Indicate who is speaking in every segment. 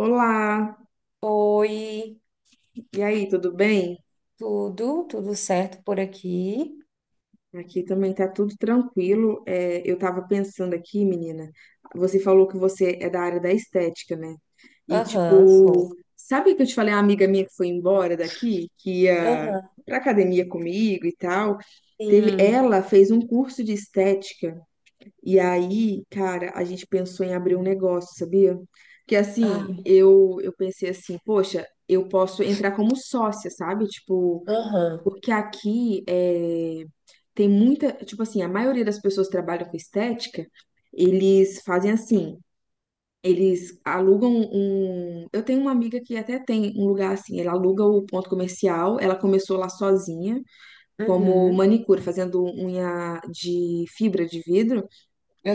Speaker 1: Olá,
Speaker 2: Oi,
Speaker 1: e aí, tudo bem?
Speaker 2: tudo certo por aqui?
Speaker 1: Aqui também tá tudo tranquilo. Eu tava pensando aqui, menina, você falou que você é da área da estética, né? E
Speaker 2: Aham,
Speaker 1: tipo,
Speaker 2: sou.
Speaker 1: sabe que eu te falei, a amiga minha que foi embora daqui, que ia
Speaker 2: Aham,
Speaker 1: pra academia comigo e tal? Teve,
Speaker 2: sim.
Speaker 1: ela fez um curso de estética, e aí, cara, a gente pensou em abrir um negócio, sabia? Que assim,
Speaker 2: Ai,
Speaker 1: eu pensei assim, poxa, eu posso entrar como sócia, sabe? Tipo.
Speaker 2: aham.
Speaker 1: Porque aqui é, tem muita, tipo assim, a maioria das pessoas que trabalham com estética, eles fazem assim, eles alugam um. Eu tenho uma amiga que até tem um lugar assim, ela aluga o ponto comercial, ela começou lá sozinha, como
Speaker 2: Uhum.
Speaker 1: manicure, fazendo unha de fibra de vidro.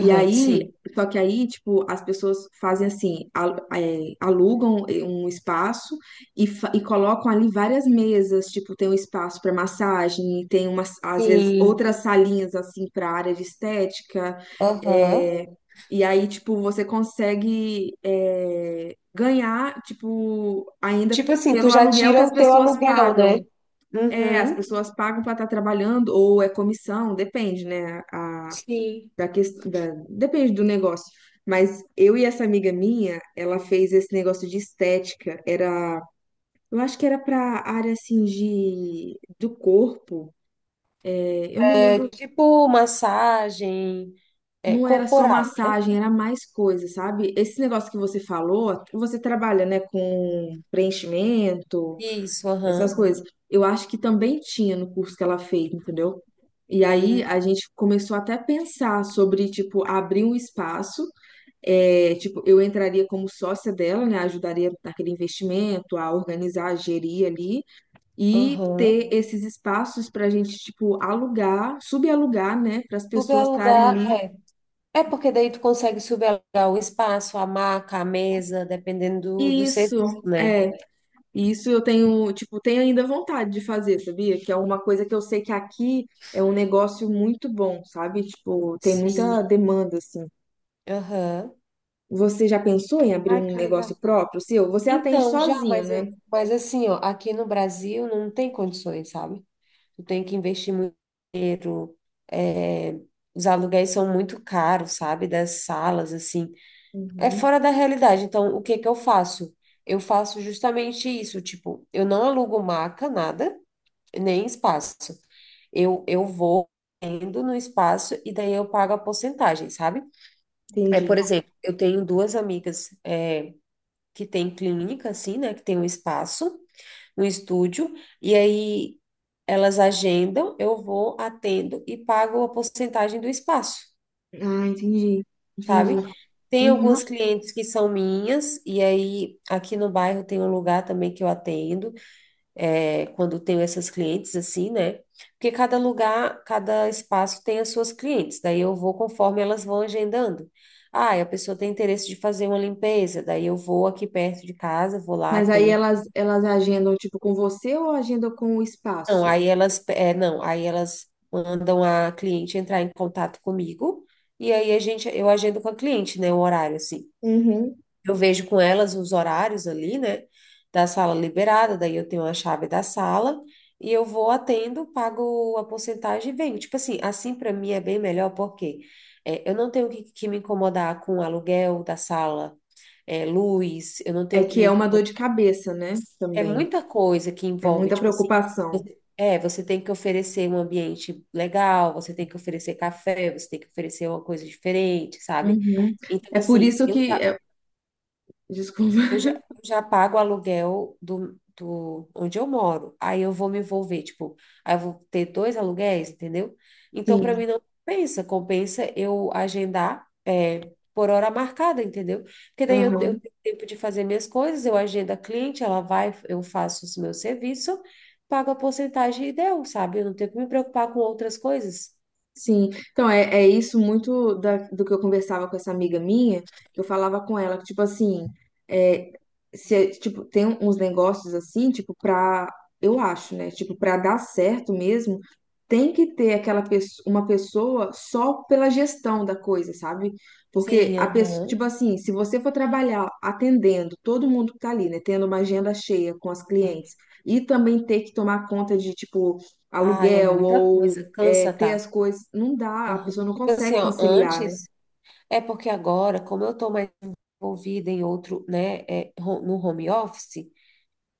Speaker 1: E aí,
Speaker 2: sim.
Speaker 1: só que aí, tipo, as pessoas fazem assim, alugam um espaço e, e colocam ali várias mesas, tipo, tem um espaço para massagem, tem umas, às vezes,
Speaker 2: Sim.
Speaker 1: outras salinhas assim para área de estética.
Speaker 2: Aham.
Speaker 1: é, e aí, tipo, você consegue ganhar, tipo, ainda
Speaker 2: Tipo assim, tu
Speaker 1: pelo
Speaker 2: já
Speaker 1: aluguel que
Speaker 2: tira
Speaker 1: as
Speaker 2: o teu
Speaker 1: pessoas
Speaker 2: aluguel, né?
Speaker 1: pagam. É, as
Speaker 2: Uhum.
Speaker 1: pessoas pagam para estar trabalhando, ou é comissão, depende, né?
Speaker 2: Sim.
Speaker 1: Da questão da, depende do negócio. Mas eu e essa amiga minha, ela fez esse negócio de estética. Era, eu acho que era pra área assim de do corpo. Eu não
Speaker 2: É
Speaker 1: lembro,
Speaker 2: tipo massagem
Speaker 1: não era só
Speaker 2: corporal, né?
Speaker 1: massagem, era mais coisa, sabe? Esse negócio que você falou, você trabalha, né, com preenchimento,
Speaker 2: Isso,
Speaker 1: essas
Speaker 2: aham.
Speaker 1: coisas. Eu acho que também tinha no curso que ela fez, entendeu? E aí
Speaker 2: Hum.
Speaker 1: a gente começou até a pensar sobre, tipo, abrir um espaço. É, tipo, eu entraria como sócia dela, né? Ajudaria naquele investimento, a organizar, a gerir ali e
Speaker 2: Aham.
Speaker 1: ter esses espaços para a gente, tipo, alugar, subalugar, né? Para as
Speaker 2: Tu quer
Speaker 1: pessoas estarem
Speaker 2: alugar?
Speaker 1: ali.
Speaker 2: É porque daí tu consegue subelar o espaço, a maca, a mesa, dependendo do, do
Speaker 1: Isso,
Speaker 2: serviço, né?
Speaker 1: é. Isso eu tenho, tipo, tenho ainda vontade de fazer, sabia? Que é uma coisa que eu sei que aqui é um negócio muito bom, sabe? Tipo, tem
Speaker 2: Sim.
Speaker 1: muita demanda, assim.
Speaker 2: Aham.
Speaker 1: Você já pensou em abrir
Speaker 2: Ai,
Speaker 1: um
Speaker 2: que
Speaker 1: negócio
Speaker 2: legal.
Speaker 1: próprio seu? Você atende
Speaker 2: Então, já,
Speaker 1: sozinha,
Speaker 2: mas,
Speaker 1: né?
Speaker 2: mas assim, ó, aqui no Brasil não tem condições, sabe? Tu tem que investir muito dinheiro. é, os aluguéis são muito caros, sabe? Das salas, assim. É
Speaker 1: Uhum,
Speaker 2: fora da realidade. Então, o que que eu faço? Eu faço justamente isso, tipo, eu não alugo maca, nada, nem espaço. Eu vou indo no espaço e daí eu pago a porcentagem, sabe? É,
Speaker 1: entendi.
Speaker 2: por exemplo, eu tenho duas amigas que têm clínica, assim, né? Que tem um espaço, um estúdio, e aí elas agendam, eu vou, atendo e pago a porcentagem do espaço,
Speaker 1: Ah, entendi, entendi.
Speaker 2: sabe? Tem
Speaker 1: Uhum.
Speaker 2: algumas clientes que são minhas, e aí aqui no bairro tem um lugar também que eu atendo. Quando tenho essas clientes assim, né? Porque cada lugar, cada espaço tem as suas clientes, daí eu vou conforme elas vão agendando. Ah, e a pessoa tem interesse de fazer uma limpeza, daí eu vou aqui perto de casa, vou lá,
Speaker 1: Mas aí
Speaker 2: atendo.
Speaker 1: elas agendam, tipo, com você ou agendam com o
Speaker 2: Não,
Speaker 1: espaço?
Speaker 2: aí elas, não, aí elas mandam a cliente entrar em contato comigo, e aí eu agendo com a cliente, né, o horário, assim.
Speaker 1: Uhum.
Speaker 2: Eu vejo com elas os horários ali, né? Da sala liberada, daí eu tenho a chave da sala e eu vou atendo, pago a porcentagem e venho. Tipo assim, assim para mim é bem melhor porque eu não tenho que me incomodar com o aluguel da sala, luz, eu não
Speaker 1: É
Speaker 2: tenho que
Speaker 1: que
Speaker 2: me
Speaker 1: é uma dor
Speaker 2: incomodar.
Speaker 1: de cabeça, né?
Speaker 2: É
Speaker 1: Também.
Speaker 2: muita coisa que
Speaker 1: É
Speaker 2: envolve,
Speaker 1: muita
Speaker 2: tipo assim,
Speaker 1: preocupação.
Speaker 2: você tem que oferecer um ambiente legal, você tem que oferecer café, você tem que oferecer uma coisa diferente, sabe?
Speaker 1: Uhum.
Speaker 2: Então,
Speaker 1: É por
Speaker 2: assim,
Speaker 1: isso
Speaker 2: eu
Speaker 1: que.
Speaker 2: já
Speaker 1: Desculpa.
Speaker 2: Eu já, eu já pago o aluguel do, do onde eu moro. Aí eu vou me envolver, tipo, aí eu vou ter dois aluguéis, entendeu? Então, para
Speaker 1: Sim.
Speaker 2: mim, não compensa. Compensa eu agendar por hora marcada, entendeu? Porque daí eu
Speaker 1: Aham.
Speaker 2: tenho tempo de fazer minhas coisas, eu agendo a cliente, ela vai, eu faço o meu serviço, pago a porcentagem e deu, sabe? Eu não tenho que me preocupar com outras coisas.
Speaker 1: Sim, então é, isso muito da, do que eu conversava com essa amiga minha, que eu falava com ela, que tipo assim, é, se, tipo, tem uns negócios assim, tipo, pra, eu acho, né, tipo, pra dar certo mesmo, tem que ter aquela uma pessoa só pela gestão da coisa, sabe? Porque
Speaker 2: Sim,
Speaker 1: a pessoa,
Speaker 2: aham.
Speaker 1: tipo assim, se você for trabalhar atendendo todo mundo que tá ali, né, tendo uma agenda cheia com as clientes, e também ter que tomar conta de, tipo,
Speaker 2: Ai, é muita
Speaker 1: aluguel
Speaker 2: coisa, cansa,
Speaker 1: ter
Speaker 2: tá?
Speaker 1: as coisas. Não dá, a
Speaker 2: Aham.
Speaker 1: pessoa não
Speaker 2: Tipo assim,
Speaker 1: consegue
Speaker 2: ó,
Speaker 1: conciliar, né?
Speaker 2: antes. É porque agora, como eu estou mais envolvida em outro, né, no home office,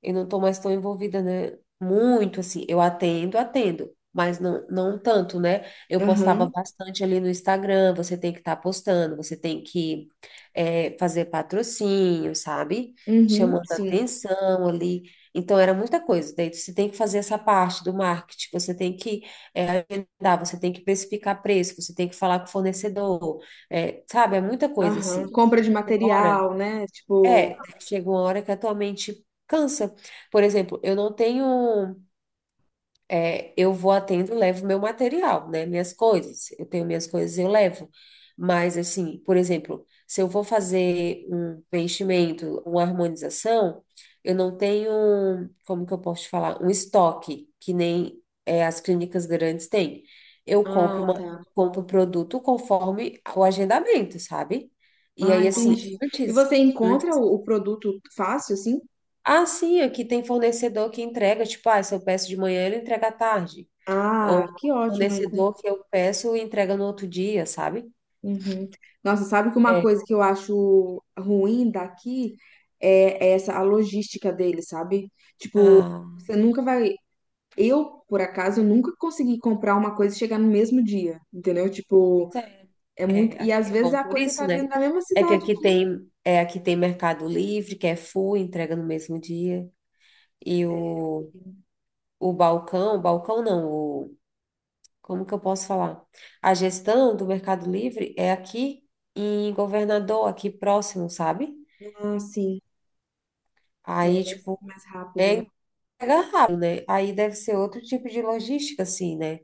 Speaker 2: eu não estou mais tão envolvida, né? Muito assim, eu atendo, atendo, mas não, não tanto, né? Eu postava
Speaker 1: Aham,
Speaker 2: bastante ali no Instagram, você tem que estar postando, você tem que fazer patrocínio, sabe?
Speaker 1: uhum,
Speaker 2: Chamando
Speaker 1: sim.
Speaker 2: atenção ali. Então era muita coisa. Daí você tem que fazer essa parte do marketing, você tem que é, agendar, você tem que especificar preço, você tem que falar com o fornecedor, sabe? É muita coisa
Speaker 1: Aham.
Speaker 2: assim.
Speaker 1: Compra de
Speaker 2: Chega uma hora
Speaker 1: material, né? Tipo,
Speaker 2: chega uma hora que a tua mente cansa. Por exemplo, eu não tenho. Eu vou atendo, levo meu material, né? Minhas coisas. Eu tenho minhas coisas, eu levo. Mas, assim, por exemplo, se eu vou fazer um preenchimento, uma harmonização, eu não tenho, como que eu posso te falar? Um estoque, que nem as clínicas grandes têm. Eu compro
Speaker 1: ah, tá.
Speaker 2: compro o produto conforme o agendamento, sabe? E
Speaker 1: Ah,
Speaker 2: aí, assim,
Speaker 1: entendi. E
Speaker 2: antes.
Speaker 1: você encontra o produto fácil, assim?
Speaker 2: Ah, sim, aqui tem fornecedor que entrega, tipo, ah, se eu peço de manhã, ele entrega à tarde.
Speaker 1: Ah,
Speaker 2: Ou
Speaker 1: que ótimo. Aí, né?
Speaker 2: fornecedor que eu peço e entrega no outro dia, sabe?
Speaker 1: Uhum. Nossa, sabe que uma
Speaker 2: É.
Speaker 1: coisa que eu acho ruim daqui é é essa a logística dele, sabe? Tipo,
Speaker 2: Ah,
Speaker 1: você nunca vai. Eu, por acaso, eu nunca consegui comprar uma coisa e chegar no mesmo dia, entendeu? Tipo,
Speaker 2: sério.
Speaker 1: é muito.
Speaker 2: É,
Speaker 1: E
Speaker 2: aqui
Speaker 1: às
Speaker 2: é
Speaker 1: vezes
Speaker 2: bom
Speaker 1: a
Speaker 2: por
Speaker 1: coisa
Speaker 2: isso,
Speaker 1: tá vindo
Speaker 2: né?
Speaker 1: da mesma
Speaker 2: É que
Speaker 1: cidade
Speaker 2: aqui
Speaker 1: aqui.
Speaker 2: aqui tem Mercado Livre, que é full, entrega no mesmo dia. E
Speaker 1: É,
Speaker 2: o balcão, balcão não, como que eu posso falar? A gestão do Mercado Livre é aqui em Governador, aqui próximo, sabe?
Speaker 1: ah, sim. Aí é
Speaker 2: Aí,
Speaker 1: mais,
Speaker 2: tipo,
Speaker 1: mais rápido, né?
Speaker 2: é chega rápido, né? Aí deve ser outro tipo de logística, assim, né?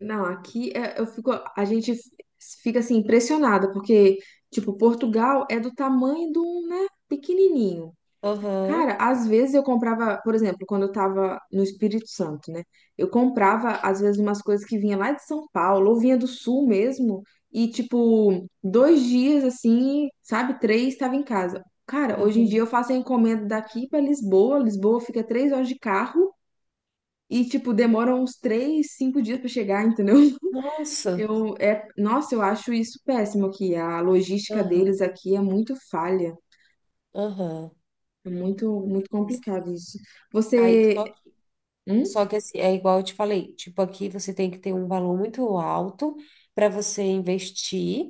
Speaker 1: Não, aqui é- eu fico, a gente fica assim impressionada, porque, tipo, Portugal é do tamanho de um, né, pequenininho.
Speaker 2: Aham,
Speaker 1: Cara, às vezes eu comprava, por exemplo, quando eu tava no Espírito Santo, né? Eu comprava, às vezes, umas coisas que vinha lá de São Paulo, ou vinha do Sul mesmo, e, tipo, 2 dias, assim, sabe? Três, estava em casa. Cara, hoje em dia
Speaker 2: aham.
Speaker 1: eu faço a encomenda daqui pra Lisboa. Lisboa fica 3 horas de carro e, tipo, demora uns 3, 5 dias pra chegar, entendeu?
Speaker 2: Nossa,
Speaker 1: Nossa, eu acho isso péssimo aqui. A logística
Speaker 2: aham,
Speaker 1: deles aqui é muito falha.
Speaker 2: aham.
Speaker 1: É muito, muito
Speaker 2: Pois é.
Speaker 1: complicado isso.
Speaker 2: Aí, só
Speaker 1: Você.
Speaker 2: que,
Speaker 1: Hum?
Speaker 2: só que assim, é igual eu te falei, tipo, aqui você tem que ter um valor muito alto para você investir,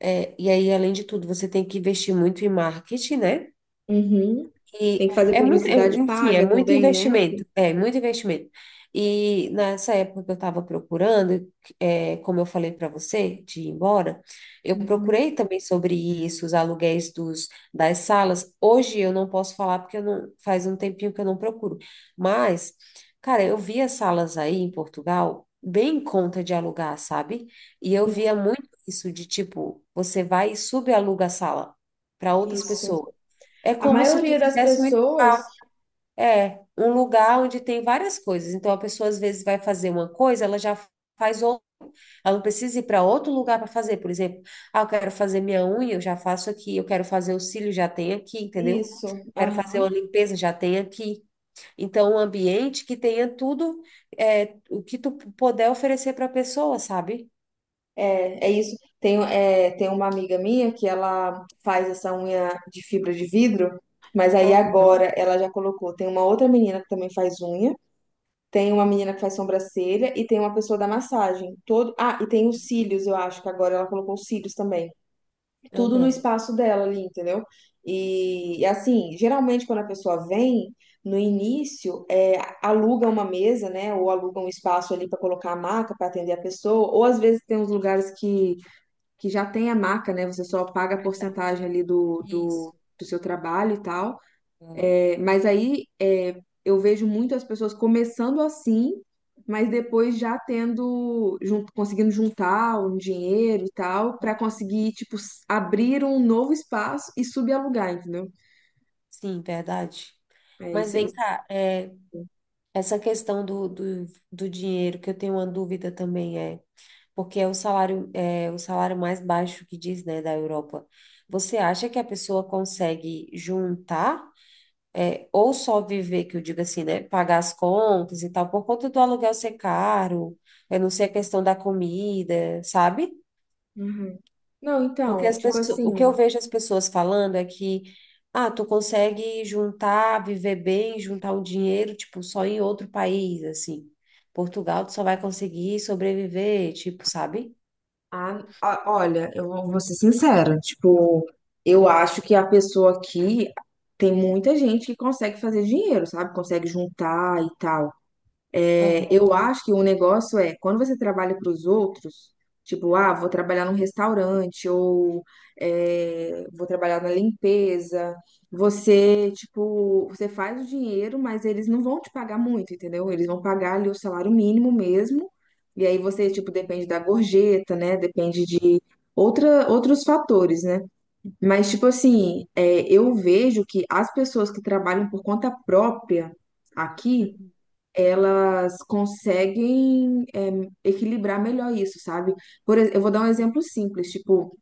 Speaker 2: e aí, além de tudo, você tem que investir muito em marketing, né?
Speaker 1: Uhum. Tem
Speaker 2: E
Speaker 1: que fazer
Speaker 2: é muito,
Speaker 1: publicidade
Speaker 2: enfim, é
Speaker 1: paga
Speaker 2: muito
Speaker 1: também, né?
Speaker 2: investimento, é muito investimento. E nessa época que eu estava procurando, é, como eu falei para você, de ir embora, eu
Speaker 1: Uhum.
Speaker 2: procurei também sobre isso, os aluguéis dos, das salas. Hoje eu não posso falar porque eu não, faz um tempinho que eu não procuro. Mas, cara, eu via salas aí em Portugal bem em conta de alugar, sabe? E eu
Speaker 1: Sim,
Speaker 2: via muito isso de tipo, você vai e subaluga a sala para outras
Speaker 1: isso.
Speaker 2: pessoas. É
Speaker 1: A
Speaker 2: como se tu
Speaker 1: maioria das
Speaker 2: fizesse um,
Speaker 1: pessoas,
Speaker 2: é, um lugar onde tem várias coisas. Então, a pessoa às vezes vai fazer uma coisa, ela já faz outra. Ela não precisa ir para outro lugar para fazer. Por exemplo, ah, eu quero fazer minha unha, eu já faço aqui. Eu quero fazer o cílio, já tem aqui, entendeu?
Speaker 1: isso.
Speaker 2: Quero fazer
Speaker 1: Aham.
Speaker 2: uma limpeza, já tem aqui. Então, um ambiente que tenha tudo o que tu puder oferecer para a pessoa, sabe?
Speaker 1: É isso. Tem uma amiga minha que ela faz essa unha de fibra de vidro, mas aí
Speaker 2: Aham,
Speaker 1: agora ela já colocou. Tem uma outra menina que também faz unha, tem uma menina que faz sobrancelha e tem uma pessoa da massagem. Ah, e tem os cílios, eu acho que agora ela colocou os cílios também. Tudo no
Speaker 2: aham.
Speaker 1: espaço dela ali, entendeu? E, assim, geralmente quando a pessoa vem, no início, é, aluga uma mesa, né? Ou aluga um espaço ali para colocar a maca para atender a pessoa, ou às vezes tem uns lugares que já tem a maca, né? Você só paga a
Speaker 2: Verdade.
Speaker 1: porcentagem ali do, do,
Speaker 2: Isso.
Speaker 1: do seu trabalho e tal.
Speaker 2: Aham.
Speaker 1: Mas aí é, eu vejo muito as pessoas começando assim, mas depois já tendo, conseguindo juntar um dinheiro e tal, para conseguir, tipo, abrir um novo espaço e subalugar, entendeu?
Speaker 2: Sim, verdade.
Speaker 1: É
Speaker 2: Mas
Speaker 1: isso, é
Speaker 2: vem
Speaker 1: isso.
Speaker 2: cá, essa questão do dinheiro, que eu tenho uma dúvida também porque é o salário, mais baixo que diz, né, da Europa. Você acha que a pessoa consegue juntar, ou só viver, que eu digo assim, né, pagar as contas e tal, por conta do aluguel ser caro, eu não sei a questão da comida, sabe?
Speaker 1: Uhum. Não,
Speaker 2: Porque
Speaker 1: então,
Speaker 2: as
Speaker 1: tipo
Speaker 2: pessoas, o que
Speaker 1: assim,
Speaker 2: eu vejo as pessoas falando é que, ah, tu consegue juntar, viver bem, juntar um dinheiro, tipo, só em outro país, assim. Portugal, tu só vai conseguir sobreviver, tipo, sabe?
Speaker 1: olha, eu vou ser sincera, tipo, eu acho que a pessoa aqui tem muita gente que consegue fazer dinheiro, sabe? Consegue juntar e tal.
Speaker 2: Aham.
Speaker 1: Eu acho que o negócio é quando você trabalha para os outros, tipo, ah, vou trabalhar num restaurante ou é, vou trabalhar na limpeza. Você, tipo, você faz o dinheiro, mas eles não vão te pagar muito, entendeu? Eles vão pagar ali o salário mínimo mesmo. E aí você, tipo, depende da gorjeta, né? Depende de outra, outros fatores, né? Mas, tipo assim, é, eu vejo que as pessoas que trabalham por conta própria aqui
Speaker 2: Uhum.
Speaker 1: elas conseguem equilibrar melhor isso, sabe? Eu vou dar um exemplo simples, tipo,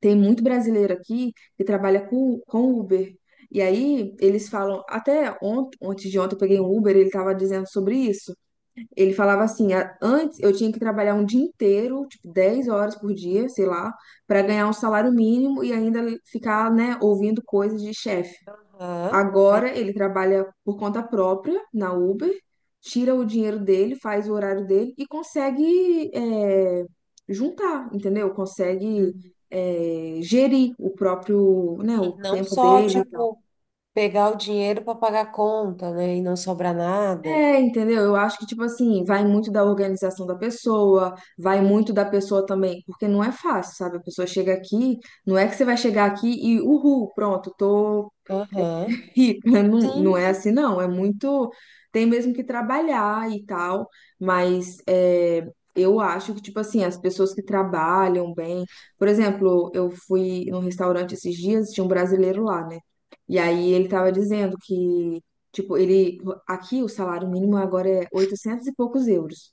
Speaker 1: tem muito brasileiro aqui que trabalha com, Uber. E aí eles falam, até ontem, antes de ontem eu peguei um Uber, ele tava dizendo sobre isso. Ele falava assim, antes eu tinha que trabalhar um dia inteiro, tipo 10 horas por dia, sei lá, para ganhar um salário mínimo e ainda ficar, né, ouvindo coisas de chefe.
Speaker 2: Aham.
Speaker 1: Agora ele trabalha por conta própria na Uber, tira o dinheiro dele, faz o horário dele e consegue juntar, entendeu? Consegue
Speaker 2: Uhum.
Speaker 1: gerir o próprio, né,
Speaker 2: Sim,
Speaker 1: o
Speaker 2: não
Speaker 1: tempo
Speaker 2: só,
Speaker 1: dele.
Speaker 2: tipo, pegar o dinheiro para pagar a conta, né, e não sobrar nada.
Speaker 1: É, entendeu? Eu acho que, tipo assim, vai muito da organização da pessoa, vai muito da pessoa também, porque não é fácil, sabe? A pessoa chega aqui, não é que você vai chegar aqui e, uhul, pronto, tô
Speaker 2: Aham.
Speaker 1: rica, não, não é
Speaker 2: Sim.
Speaker 1: assim, não. É muito. Tem mesmo que trabalhar e tal, mas é, eu acho que, tipo assim, as pessoas que trabalham bem. Por exemplo, eu fui num restaurante esses dias, tinha um brasileiro lá, né? E aí ele tava dizendo que, tipo, ele. Aqui o salário mínimo agora é 800 e poucos euros.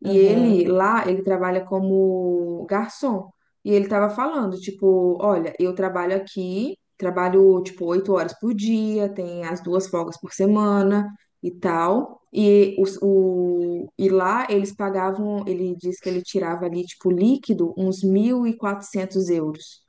Speaker 1: E ele
Speaker 2: Aham.
Speaker 1: lá, ele trabalha como garçom. E ele tava falando, tipo, olha, eu trabalho aqui, trabalho tipo 8 horas por dia, tem as 2 folgas por semana e tal. E, os, o, e lá eles pagavam, ele disse que ele tirava ali, tipo, líquido, uns 1.400 euros.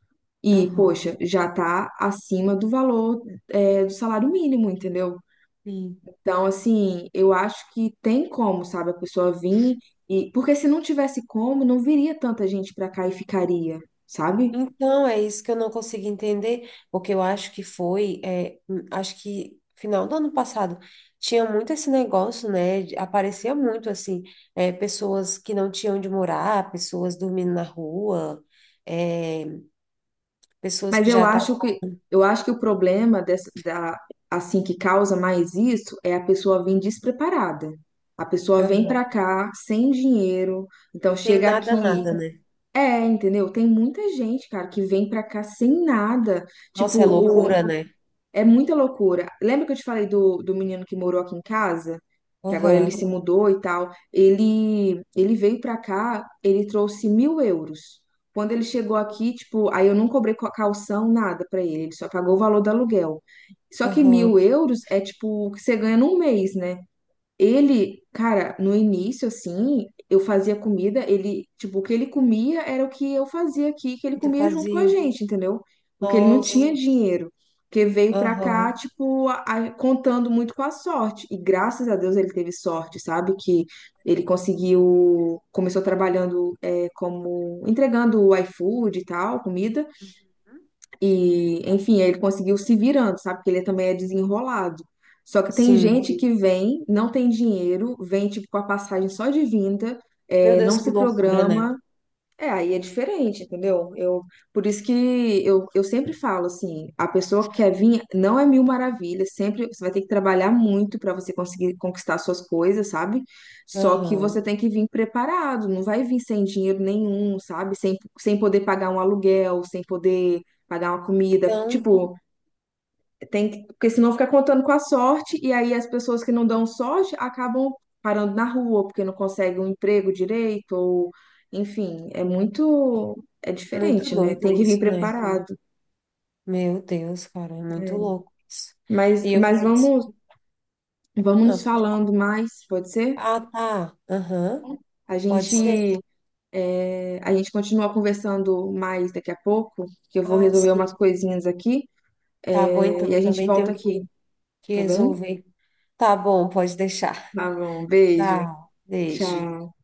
Speaker 1: E,
Speaker 2: Aham.
Speaker 1: poxa, já tá acima do valor, é, do salário mínimo, entendeu?
Speaker 2: Sim.
Speaker 1: Então, assim, eu acho que tem como, sabe, a pessoa vir e porque se não tivesse como, não viria tanta gente pra cá e ficaria, sabe?
Speaker 2: Então, é isso que eu não consigo entender, porque eu acho que foi, acho que final do ano passado tinha muito esse negócio, né? Aparecia muito assim, pessoas que não tinham onde morar, pessoas dormindo na rua, é, pessoas
Speaker 1: Mas
Speaker 2: que
Speaker 1: eu
Speaker 2: já tá.
Speaker 1: acho que eu acho que o problema dessa, da assim que causa mais isso é a pessoa vir despreparada. A pessoa vem
Speaker 2: Aham.
Speaker 1: pra cá sem dinheiro, então
Speaker 2: Sem
Speaker 1: chega aqui,
Speaker 2: nada, nada, né?
Speaker 1: entendeu? Tem muita gente, cara, que vem pra cá sem nada.
Speaker 2: Nossa, é
Speaker 1: Tipo,
Speaker 2: loucura, né?
Speaker 1: é muita loucura. Lembra que eu te falei do, menino que morou aqui em casa? Que agora ele
Speaker 2: Aham,
Speaker 1: se mudou e tal. Ele veio pra cá, ele trouxe 1.000 euros. Quando ele chegou aqui, tipo, aí eu não cobrei calção, nada pra ele. Ele só pagou o valor do aluguel. Só que
Speaker 2: aham.
Speaker 1: 1.000 euros é tipo o que você ganha num mês, né? Ele, cara, no início, assim, eu fazia comida, ele, tipo, o que ele comia era o que eu fazia aqui, que ele
Speaker 2: E tu
Speaker 1: comia junto com a
Speaker 2: fazia?
Speaker 1: gente, entendeu? Porque ele não
Speaker 2: Nossa,
Speaker 1: tinha dinheiro. Porque veio pra cá,
Speaker 2: aham.
Speaker 1: tipo, contando muito com a sorte. E graças a Deus ele teve sorte, sabe? Que ele conseguiu, começou trabalhando, é, como, entregando o iFood e tal, comida. E, enfim, ele conseguiu se virando, sabe? Porque ele também é desenrolado. Só que tem
Speaker 2: Sim.
Speaker 1: gente que vem, não tem dinheiro, vem tipo com a passagem só de vinda,
Speaker 2: Meu
Speaker 1: não
Speaker 2: Deus, que
Speaker 1: se
Speaker 2: loucura, né?
Speaker 1: programa aí é diferente, entendeu? Eu, por isso que eu sempre falo assim, a pessoa que quer vir não é mil maravilhas, sempre você vai ter que trabalhar muito para você conseguir conquistar suas coisas, sabe? Só que
Speaker 2: Aham.
Speaker 1: você tem que vir preparado, não vai vir sem dinheiro nenhum, sabe? Sem poder pagar um aluguel, sem poder pagar uma comida.
Speaker 2: Então.
Speaker 1: Tipo, tem que, porque senão fica contando com a sorte, e aí as pessoas que não dão sorte acabam parando na rua, porque não conseguem um emprego direito, ou enfim, é muito, é
Speaker 2: Muito
Speaker 1: diferente, né?
Speaker 2: doido
Speaker 1: Tem que vir
Speaker 2: isso, né?
Speaker 1: preparado.
Speaker 2: Meu Deus, cara, é muito louco isso.
Speaker 1: Mas,
Speaker 2: E eu,
Speaker 1: mas
Speaker 2: assim,
Speaker 1: vamos, vamos
Speaker 2: ah,
Speaker 1: nos
Speaker 2: pode-
Speaker 1: falando mais, pode ser?
Speaker 2: ah, tá, aham,
Speaker 1: A
Speaker 2: pode
Speaker 1: gente,
Speaker 2: ser.
Speaker 1: é, a gente continua conversando mais daqui a pouco, que eu vou
Speaker 2: Ah,
Speaker 1: resolver umas
Speaker 2: sim.
Speaker 1: coisinhas aqui,
Speaker 2: Tá bom,
Speaker 1: é,
Speaker 2: então,
Speaker 1: e a gente
Speaker 2: também
Speaker 1: volta
Speaker 2: tenho
Speaker 1: aqui,
Speaker 2: que,
Speaker 1: tá bem?
Speaker 2: resolver. Tá bom, pode deixar.
Speaker 1: Tá bom, beijo,
Speaker 2: Tá, beijo.
Speaker 1: tchau.